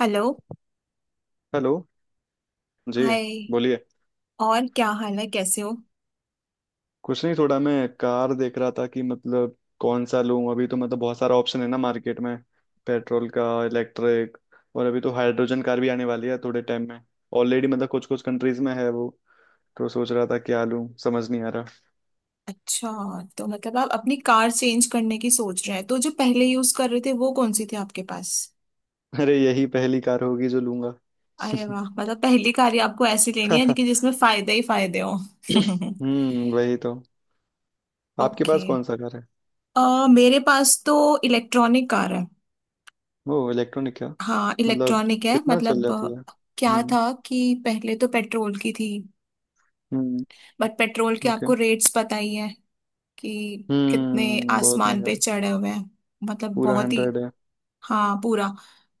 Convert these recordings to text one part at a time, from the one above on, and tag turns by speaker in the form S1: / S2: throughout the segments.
S1: Hello.
S2: Hello. जी
S1: hi.
S2: बोलिए।
S1: और क्या हाल है? कैसे हो?
S2: कुछ नहीं, थोड़ा मैं कार देख रहा था कि मतलब कौन सा लूं। अभी तो मतलब बहुत सारा ऑप्शन है ना मार्केट में। पेट्रोल का, इलेक्ट्रिक। और अभी तो हाइड्रोजन कार भी आने वाली है थोड़े टाइम में। ऑलरेडी मतलब कुछ कुछ कंट्रीज में है वो। तो सोच रहा था क्या लूं, समझ नहीं आ रहा।
S1: अच्छा। तो मतलब आप अपनी कार चेंज करने की सोच रहे हैं, तो जो पहले यूज कर रहे थे वो कौन सी थी आपके पास?
S2: अरे, यही पहली कार होगी जो लूंगा।
S1: अरे वाह! मतलब पहली कार ही आपको ऐसी लेनी है कि जिसमें फायदे ही फायदे हो।
S2: हम्म, वही तो। आपके
S1: ओके।
S2: पास कौन सा कार है?
S1: मेरे पास तो इलेक्ट्रॉनिक कार है।
S2: वो इलेक्ट्रॉनिक क्या?
S1: हाँ,
S2: मतलब
S1: इलेक्ट्रॉनिक है।
S2: कितना चल
S1: मतलब
S2: जाती है?
S1: क्या
S2: हम्म।
S1: था कि पहले तो पेट्रोल की थी।
S2: हम्म।
S1: बट पेट्रोल के
S2: ओके।
S1: आपको रेट्स पता ही है कि कितने
S2: हम्म, बहुत
S1: आसमान
S2: महंगा।
S1: पे चढ़े हुए हैं। मतलब
S2: पूरा
S1: बहुत ही।
S2: 100 है।
S1: हाँ, पूरा।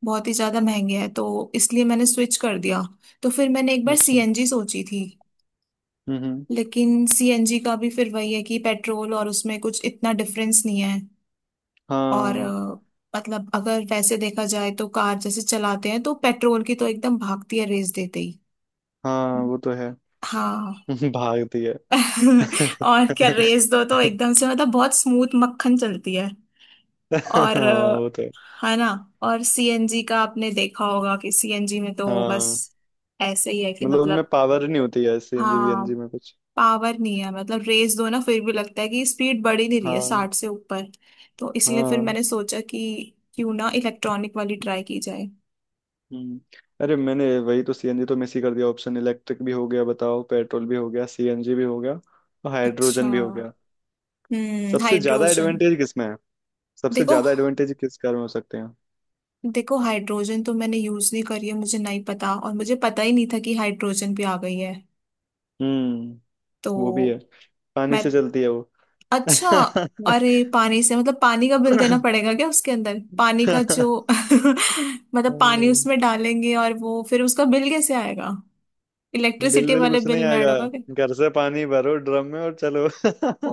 S1: बहुत ही ज्यादा महंगे हैं, तो इसलिए मैंने स्विच कर दिया। तो फिर मैंने एक बार
S2: अच्छा।
S1: सीएनजी सोची थी।
S2: हम्म। हम्म।
S1: लेकिन सीएनजी का भी फिर वही है कि पेट्रोल और उसमें कुछ इतना डिफरेंस नहीं है। और
S2: हाँ।
S1: मतलब अगर वैसे देखा जाए तो कार जैसे चलाते हैं तो पेट्रोल की तो एकदम भागती है रेस देते ही।
S2: हाँ वो तो है।
S1: हाँ।
S2: भागती है।
S1: और क्या, रेस दो तो एकदम से मतलब बहुत स्मूथ मक्खन चलती है। और
S2: हाँ वो तो है।
S1: है ना। और सीएनजी का आपने देखा होगा कि सीएनजी में तो बस
S2: हाँ।
S1: ऐसे ही है कि
S2: मतलब उनमें
S1: मतलब।
S2: पावर नहीं होती है सीएनजी
S1: हाँ,
S2: वीएनजी में कुछ।
S1: पावर नहीं है, मतलब रेस दो ना फिर भी लगता है कि स्पीड बढ़ ही नहीं रही है
S2: हाँ।
S1: 60 से ऊपर। तो इसलिए फिर
S2: हाँ।
S1: मैंने सोचा कि क्यों ना इलेक्ट्रॉनिक वाली ट्राई की जाए।
S2: हम्म। अरे, मैंने वही तो सीएनजी तो मिस ही कर दिया ऑप्शन। इलेक्ट्रिक भी हो गया बताओ, पेट्रोल भी हो गया, सीएनजी भी हो गया और
S1: अच्छा।
S2: हाइड्रोजन भी हो गया।
S1: हम्म,
S2: सबसे ज्यादा
S1: हाइड्रोजन।
S2: एडवांटेज किसमें है? सबसे
S1: देखो,
S2: ज्यादा एडवांटेज किस कार में हो सकते हैं?
S1: देखो हाइड्रोजन तो मैंने यूज नहीं करी है, मुझे नहीं पता, और मुझे पता ही नहीं था कि हाइड्रोजन भी आ गई है।
S2: हम्म।
S1: तो
S2: वो भी है। पानी से
S1: मैं।
S2: चलती है वो।
S1: अच्छा। अरे, पानी से मतलब पानी का बिल देना पड़ेगा क्या? उसके अंदर पानी का
S2: बिल।
S1: जो मतलब पानी उसमें डालेंगे और वो फिर उसका बिल कैसे आएगा? इलेक्ट्रिसिटी
S2: बिल
S1: वाले
S2: कुछ नहीं
S1: बिल में ऐड
S2: आएगा,
S1: होगा क्या?
S2: घर से पानी भरो ड्रम में और चलो।
S1: ओ,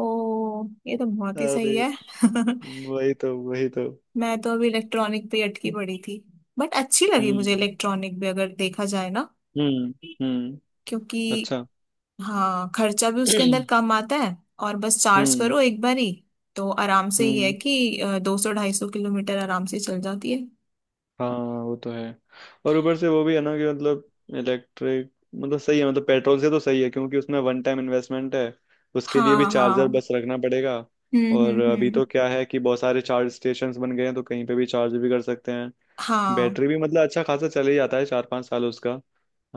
S1: ये तो बहुत ही सही
S2: अरे,
S1: है।
S2: वही तो वही तो।
S1: मैं तो अभी इलेक्ट्रॉनिक पे ही अटकी पड़ी थी। बट अच्छी लगी मुझे,
S2: हम्म।
S1: इलेक्ट्रॉनिक भी अगर देखा जाए ना।
S2: हम्म। हम्म।
S1: क्योंकि
S2: अच्छा।
S1: हाँ, खर्चा भी उसके अंदर कम आता है। और बस चार्ज
S2: हम्म।
S1: करो एक बार ही, तो आराम से ही है
S2: हम्म।
S1: कि 200 250 किलोमीटर आराम से चल जाती है।
S2: हाँ वो तो है। और ऊपर से वो भी है ना कि मतलब, इलेक्ट्रिक मतलब सही है, मतलब पेट्रोल से तो सही है क्योंकि उसमें वन टाइम इन्वेस्टमेंट है। उसके लिए भी
S1: हाँ,
S2: चार्जर
S1: हाँ।
S2: बस रखना पड़ेगा।
S1: हम्म,
S2: और
S1: हम्म,
S2: अभी
S1: हम्म।
S2: तो क्या है कि बहुत सारे चार्ज स्टेशंस बन गए हैं, तो कहीं पे भी चार्ज भी कर सकते हैं।
S1: हाँ,
S2: बैटरी भी मतलब अच्छा खासा चले ही जाता है, चार पाँच साल उसका।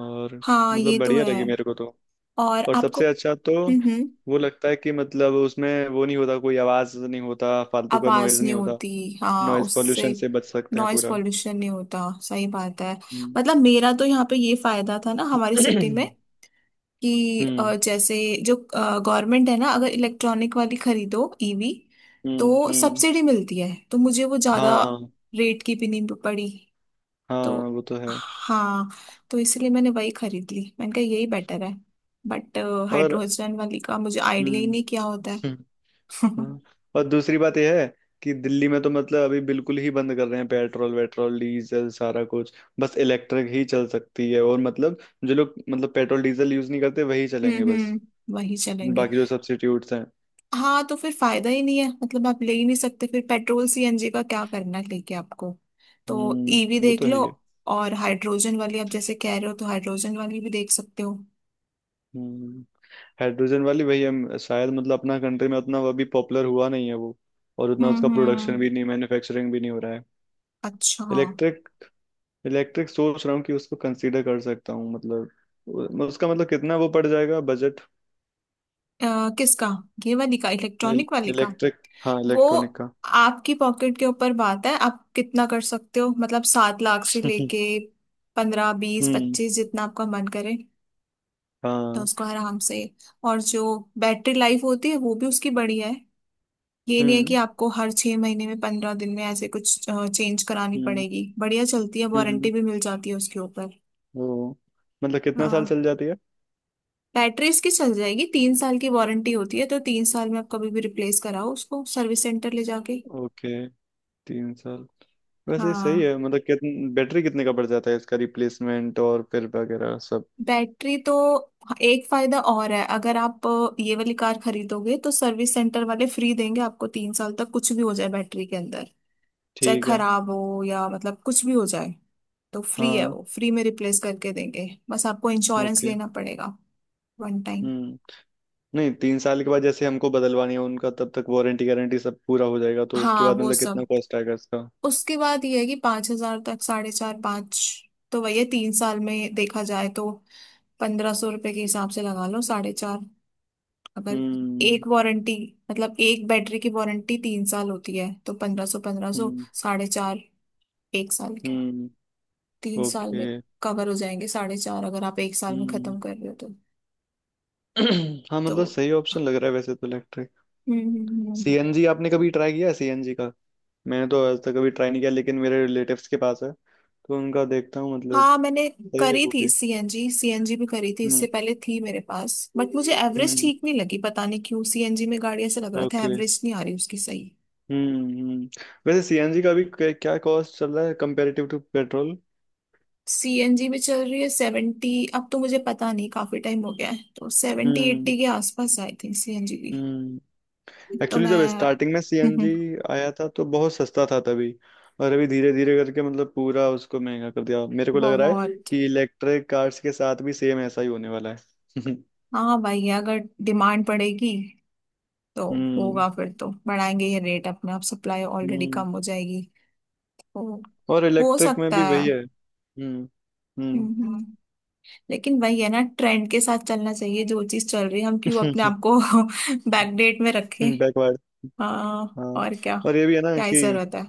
S2: और
S1: हाँ,
S2: मतलब
S1: ये तो
S2: बढ़िया
S1: है।
S2: लगी मेरे को तो।
S1: और
S2: और
S1: आपको?
S2: सबसे अच्छा तो
S1: हम्म, हम्म।
S2: वो लगता है कि मतलब उसमें वो नहीं होता, कोई आवाज़ नहीं होता, फालतू का
S1: आवाज
S2: नॉइज़ नहीं
S1: नहीं
S2: होता।
S1: होती। हाँ,
S2: नॉइज़
S1: उससे
S2: पोल्यूशन से बच सकते हैं
S1: नॉइस
S2: पूरा।
S1: पॉल्यूशन नहीं होता, सही बात है।
S2: हम्म।
S1: मतलब मेरा तो यहाँ पे ये फायदा था ना, हमारी सिटी में, कि
S2: हम्म।
S1: जैसे जो गवर्नमेंट है ना, अगर इलेक्ट्रॉनिक वाली खरीदो, EV,
S2: हम्म।
S1: तो
S2: हम्म।
S1: सब्सिडी मिलती है, तो मुझे वो ज्यादा
S2: हाँ।
S1: रेट की भी नहीं पड़ी। तो
S2: हाँ वो तो है।
S1: हाँ, तो इसलिए मैंने वही खरीद ली, मैंने कहा यही बेटर है। बट
S2: और
S1: हाइड्रोजन वाली का मुझे आइडिया ही नहीं
S2: हम्म।
S1: क्या होता है।
S2: हाँ। और दूसरी बात यह है कि दिल्ली में तो मतलब अभी बिल्कुल ही बंद कर रहे हैं पेट्रोल वेट्रोल डीजल सारा कुछ। बस इलेक्ट्रिक ही चल सकती है और मतलब, जो लोग मतलब पेट्रोल डीजल यूज नहीं करते वही चलेंगे
S1: हम्म,
S2: बस।
S1: हम्म। वही चलेंगे।
S2: बाकी जो सब्स्टिट्यूट्स हैं।
S1: हाँ, तो फिर फायदा ही नहीं है, मतलब आप ले ही नहीं सकते फिर। पेट्रोल सीएनजी का क्या करना है लेके आपको, तो EV
S2: वो
S1: देख
S2: तो है
S1: लो।
S2: ही है।
S1: और हाइड्रोजन वाली आप जैसे कह रहे हो, तो हाइड्रोजन वाली भी देख सकते हो।
S2: हम्म। हाइड्रोजन वाली वही है शायद, मतलब अपना कंट्री में उतना वो अभी पॉपुलर हुआ नहीं है वो। और उतना
S1: हम्म,
S2: उसका प्रोडक्शन
S1: हम्म।
S2: भी नहीं, मैन्युफैक्चरिंग भी नहीं हो रहा है।
S1: अच्छा।
S2: इलेक्ट्रिक इलेक्ट्रिक सोच रहा हूँ कि उसको कंसीडर कर सकता हूँ, मतलब उसका मतलब कितना वो पड़ जाएगा बजट?
S1: किसका? ये वाली का, इलेक्ट्रॉनिक वाली का?
S2: इलेक्ट्रिक। हाँ,
S1: वो
S2: इलेक्ट्रॉनिक का।
S1: आपकी पॉकेट के ऊपर बात है, आप कितना कर सकते हो। मतलब 7 लाख से लेके 15, 20,
S2: हम्म।
S1: 25, जितना आपका मन करे। तो
S2: हाँ।
S1: उसको आराम से। और जो बैटरी लाइफ होती है वो भी उसकी बढ़िया है। ये नहीं है कि
S2: हम्म।
S1: आपको हर 6 महीने में, 15 दिन में ऐसे कुछ चेंज करानी
S2: हम्म।
S1: पड़ेगी। बढ़िया चलती है,
S2: हम्म।
S1: वारंटी भी मिल जाती है उसके ऊपर।
S2: वो मतलब कितना साल
S1: हाँ,
S2: चल जाती है?
S1: बैटरी इसकी चल जाएगी। 3 साल की वारंटी होती है, तो 3 साल में आप कभी भी रिप्लेस कराओ उसको सर्विस सेंटर ले जाके।
S2: ओके। 3 साल। वैसे सही
S1: हाँ,
S2: है, मतलब कितन बैटरी कितने का पड़ जाता है इसका रिप्लेसमेंट और फिर वगैरह सब?
S1: बैटरी तो एक फायदा और है। अगर आप ये वाली कार खरीदोगे तो सर्विस सेंटर वाले फ्री देंगे आपको 3 साल तक, कुछ भी हो जाए बैटरी के अंदर, चाहे
S2: ठीक है।
S1: खराब हो या मतलब कुछ भी हो जाए, तो फ्री है।
S2: हाँ।
S1: वो फ्री में रिप्लेस करके देंगे, बस आपको इंश्योरेंस
S2: ओके।
S1: लेना पड़ेगा, वन टाइम।
S2: हम्म। नहीं, 3 साल के बाद जैसे हमको बदलवानी है उनका, तब तक वारंटी गारंटी सब पूरा हो जाएगा, तो उसके
S1: हाँ,
S2: बाद
S1: वो
S2: मतलब कितना
S1: सब।
S2: कॉस्ट आएगा इसका?
S1: उसके बाद ये है कि 5 हजार तक, साढ़े चार, पाँच। तो वही है, 3 साल में देखा जाए तो 1500 रुपए के हिसाब से लगा लो, साढ़े चार। अगर
S2: हम्म।
S1: एक वारंटी, मतलब एक बैटरी की वारंटी 3 साल होती है, तो 1500, 1500,
S2: हम्म।
S1: साढ़े चार। एक साल के,
S2: हम्म।
S1: तीन साल में
S2: ओके।
S1: कवर हो जाएंगे साढ़े चार, अगर आप एक साल में
S2: हम्म।
S1: खत्म कर रहे हो तो।
S2: हाँ,
S1: तो
S2: मतलब सही ऑप्शन लग रहा है वैसे तो इलेक्ट्रिक।
S1: हम्म,
S2: सीएनजी आपने कभी ट्राई किया है? सीएनजी का? मैंने तो आज तक कभी ट्राई नहीं किया, लेकिन मेरे रिलेटिव्स के पास है, तो उनका देखता हूँ मतलब।
S1: हाँ, मैंने
S2: सही है
S1: करी
S2: वो
S1: थी
S2: भी।
S1: सीएनजी, सीएनजी भी करी थी, इससे
S2: हम्म।
S1: पहले थी मेरे पास। बट मुझे एवरेज
S2: हम्म।
S1: ठीक नहीं लगी, पता नहीं क्यों सीएनजी में गाड़ी ऐसा लग रहा था
S2: ओके।
S1: एवरेज नहीं आ रही उसकी सही।
S2: हम्म। हम्म। वैसे सीएनजी का भी क्या कॉस्ट चल रहा है कंपेरेटिव टू पेट्रोल?
S1: सीएनजी में चल रही है 70, अब तो मुझे पता नहीं, काफी टाइम हो गया है, तो सेवेंटी
S2: हम्म।
S1: एट्टी के आसपास आई थिंक सीएनजी की।
S2: हम्म।
S1: तो
S2: एक्चुअली जब
S1: मैं।
S2: स्टार्टिंग में सीएनजी आया था तो बहुत सस्ता था तभी। और अभी धीरे धीरे करके मतलब पूरा उसको महंगा कर दिया। मेरे को लग रहा है
S1: बहुत।
S2: कि इलेक्ट्रिक कार्स के साथ भी सेम ऐसा ही होने वाला है।
S1: हाँ, भाई, अगर डिमांड पड़ेगी, तो
S2: हम्म।
S1: होगा फिर, तो बढ़ाएंगे ये रेट अपने आप, सप्लाई ऑलरेडी
S2: हम्म।
S1: कम हो जाएगी। तो
S2: और
S1: हो
S2: इलेक्ट्रिक में
S1: सकता
S2: भी
S1: है।
S2: वही है। हम्म। हम्म।
S1: हम्म। लेकिन वही है ना, ट्रेंड के साथ चलना चाहिए, जो चीज चल रही है, हम क्यों अपने आप को बैकडेट में रखें।
S2: बैकवर्ड।
S1: हाँ,
S2: हाँ।
S1: और क्या।
S2: और ये भी है ना
S1: क्या ही
S2: कि
S1: जरूरत है।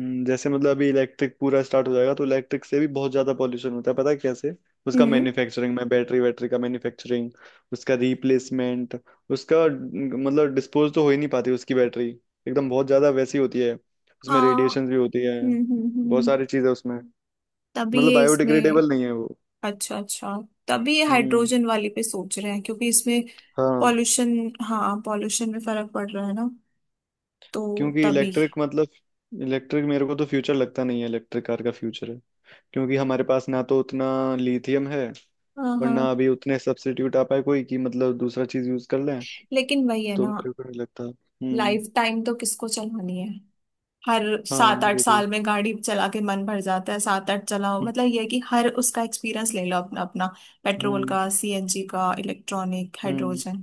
S2: जैसे मतलब अभी इलेक्ट्रिक पूरा स्टार्ट हो जाएगा, तो इलेक्ट्रिक से भी बहुत ज्यादा पॉल्यूशन होता है, पता है कैसे? उसका
S1: हम्म।
S2: मैन्युफैक्चरिंग में, बैटरी वैटरी का मैन्युफैक्चरिंग, उसका रिप्लेसमेंट, उसका न, मतलब डिस्पोज तो हो ही नहीं पाती उसकी बैटरी। एकदम बहुत ज्यादा वैसी होती है, उसमें
S1: हाँ,
S2: रेडिएशन भी होती है,
S1: हम्म, हम्म,
S2: बहुत सारी चीजें उसमें।
S1: तभी
S2: मतलब
S1: ये इसमें।
S2: बायोडिग्रेडेबल नहीं है वो।
S1: अच्छा, अच्छा। तभी ये
S2: हम्म।
S1: हाइड्रोजन वाली पे सोच रहे हैं क्योंकि इसमें
S2: हाँ।
S1: पॉल्यूशन। हाँ, पॉल्यूशन में फर्क पड़ रहा है ना। तो
S2: क्योंकि
S1: तभी।
S2: इलेक्ट्रिक मेरे को तो फ्यूचर लगता नहीं है, इलेक्ट्रिक कार का फ्यूचर है। क्योंकि हमारे पास ना तो उतना लिथियम है,
S1: हाँ,
S2: और
S1: हाँ।
S2: ना अभी उतने सब्स्टिट्यूट आ पाए कोई कि मतलब दूसरा चीज यूज कर लें।
S1: लेकिन वही है
S2: तो
S1: ना,
S2: मेरे को नहीं लगता। हम्म।
S1: लाइफ टाइम तो किसको चलानी है। हर
S2: हाँ।
S1: सात आठ
S2: वो भी।
S1: साल में गाड़ी चला के मन भर जाता है। सात आठ चलाओ,
S2: हम्म।
S1: मतलब ये है कि हर उसका एक्सपीरियंस ले लो अपना अपना, पेट्रोल
S2: हम्म।
S1: का, सीएनजी का, इलेक्ट्रॉनिक,
S2: हम्म।
S1: हाइड्रोजन।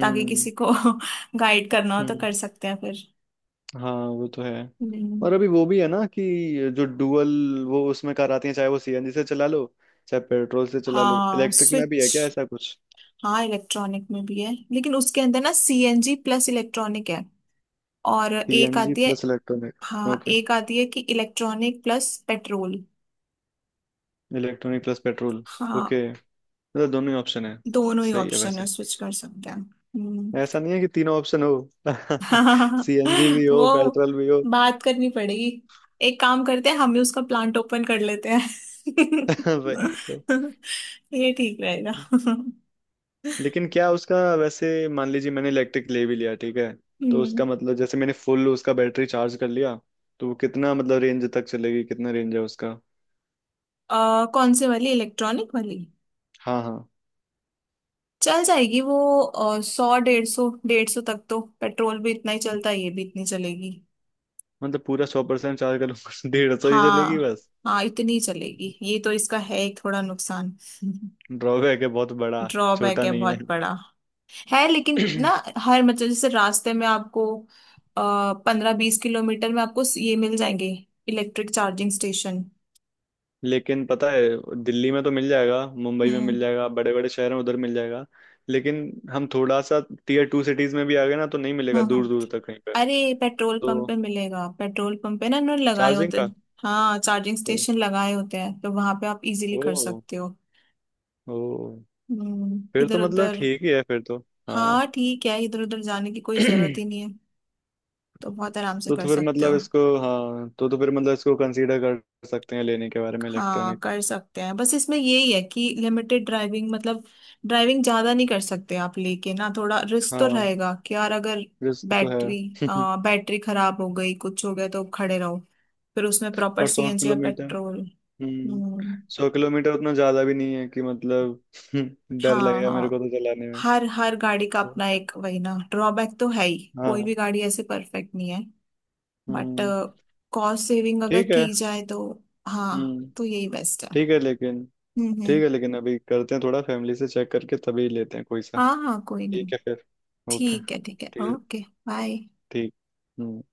S1: ताकि किसी को गाइड करना हो तो
S2: हम्म,
S1: कर सकते हैं फिर।
S2: हाँ वो तो है।
S1: हम्म।
S2: और अभी वो भी है ना कि जो डुअल वो उसमें कार आती है, चाहे वो सीएनजी से चला लो, चाहे पेट्रोल से चला लो।
S1: हाँ,
S2: इलेक्ट्रिक में भी
S1: स्विच।
S2: है क्या ऐसा कुछ?
S1: हाँ, इलेक्ट्रॉनिक में भी है, लेकिन उसके अंदर ना सीएनजी प्लस इलेक्ट्रॉनिक है। और एक
S2: सीएनजी
S1: आती है।
S2: प्लस
S1: हाँ,
S2: इलेक्ट्रॉनिक?
S1: एक आती है कि electronic plus petrol.
S2: Electronic plus petrol?
S1: हाँ।
S2: ओके। मतलब दोनों ही ऑप्शन है।
S1: दोनों ही
S2: सही है
S1: ऑप्शन है,
S2: वैसे।
S1: स्विच कर सकते हैं। हम्म।
S2: ऐसा नहीं है कि तीनों ऑप्शन हो। सीएनजी भी हो,
S1: वो।
S2: पेट्रोल भी हो।
S1: बात करनी पड़ेगी। एक काम करते हैं, हम ही उसका प्लांट ओपन कर लेते हैं।
S2: वही तो।
S1: ये ठीक रहेगा।
S2: लेकिन क्या उसका वैसे, मान लीजिए मैंने इलेक्ट्रिक ले भी लिया, ठीक है। तो
S1: हम्म।
S2: उसका मतलब जैसे मैंने फुल उसका बैटरी चार्ज कर लिया, तो वो कितना मतलब रेंज तक चलेगी, कितना रेंज है उसका?
S1: कौन से वाली, इलेक्ट्रॉनिक वाली?
S2: हाँ हाँ।
S1: चल जाएगी वो। 100 150, 150 तक तो पेट्रोल भी इतना ही चलता है, ये भी इतनी चलेगी।
S2: मतलब पूरा 100% चार्ज कर लूँ 150 ही चलेगी
S1: हाँ,
S2: बस?
S1: हाँ, इतनी चलेगी। ये तो इसका है एक थोड़ा नुकसान।
S2: ड्रॉबैक है बहुत बड़ा।
S1: ड्रॉबैक
S2: छोटा
S1: है
S2: नहीं।
S1: बहुत बड़ा। है लेकिन
S2: है।
S1: ना, हर मतलब जैसे रास्ते में आपको 15-20 किलोमीटर में आपको ये मिल जाएंगे, इलेक्ट्रिक चार्जिंग स्टेशन।
S2: लेकिन पता है, दिल्ली में तो मिल जाएगा, मुंबई में
S1: हम्म,
S2: मिल जाएगा, बड़े बड़े शहर में उधर मिल जाएगा। लेकिन हम थोड़ा सा टीयर टू सिटीज में भी आ गए ना, तो नहीं मिलेगा
S1: हम्म,
S2: दूर दूर तक कहीं पे।
S1: अरे, पेट्रोल पंप
S2: तो
S1: पे मिलेगा, पेट्रोल पंप पे ना उन्होंने लगाए
S2: चार्जिंग
S1: होते
S2: का?
S1: हैं। हाँ, चार्जिंग
S2: तो,
S1: स्टेशन लगाए होते हैं, तो वहां पे आप इजीली कर
S2: ओ।
S1: सकते हो।
S2: ओ।
S1: हम्म,
S2: फिर
S1: इधर
S2: तो मतलब
S1: उधर।
S2: ठीक ही है फिर तो। हाँ।
S1: हाँ, ठीक है, इधर उधर जाने की कोई जरूरत
S2: तो
S1: ही नहीं है, तो बहुत आराम से
S2: तो
S1: कर
S2: फिर
S1: सकते
S2: मतलब
S1: हो।
S2: इसको हाँ तो फिर मतलब इसको कंसीडर कर सकते हैं लेने के बारे में,
S1: हाँ,
S2: इलेक्ट्रॉनिक।
S1: कर सकते हैं, बस इसमें यही है कि लिमिटेड ड्राइविंग, मतलब ड्राइविंग ज्यादा नहीं कर सकते आप लेके ना, थोड़ा रिस्क तो
S2: हाँ।
S1: रहेगा कि यार अगर
S2: रिस्क तो
S1: बैटरी।
S2: है।
S1: हाँ, बैटरी खराब हो गई, कुछ हो गया तो खड़े रहो। फिर उसमें प्रॉपर
S2: और सौ
S1: सीएनजी या
S2: किलोमीटर
S1: पेट्रोल।
S2: हम्म।
S1: हम्म।
S2: सौ किलोमीटर उतना ज्यादा भी नहीं है कि मतलब डर
S1: हाँ,
S2: लगेगा मेरे को
S1: हाँ।
S2: तो चलाने।
S1: हर हर गाड़ी का अपना एक, वही ना, ड्रॉबैक तो है ही, कोई
S2: हाँ।
S1: भी गाड़ी ऐसे परफेक्ट नहीं है। But
S2: hmm.
S1: कॉस्ट सेविंग अगर
S2: ठीक है।
S1: की जाए तो, हाँ,
S2: हम्म।
S1: तो यही बेस्ट है।
S2: ठीक है लेकिन
S1: हम्म, हम्म।
S2: ठीक है लेकिन अभी करते हैं थोड़ा फैमिली से चेक करके तभी लेते हैं कोई सा।
S1: हाँ, हाँ, कोई नहीं।
S2: ठीक है फिर। ओके।
S1: ठीक है, ठीक है,
S2: ठीक।
S1: ओके। बाय।
S2: ठीक। हम्म।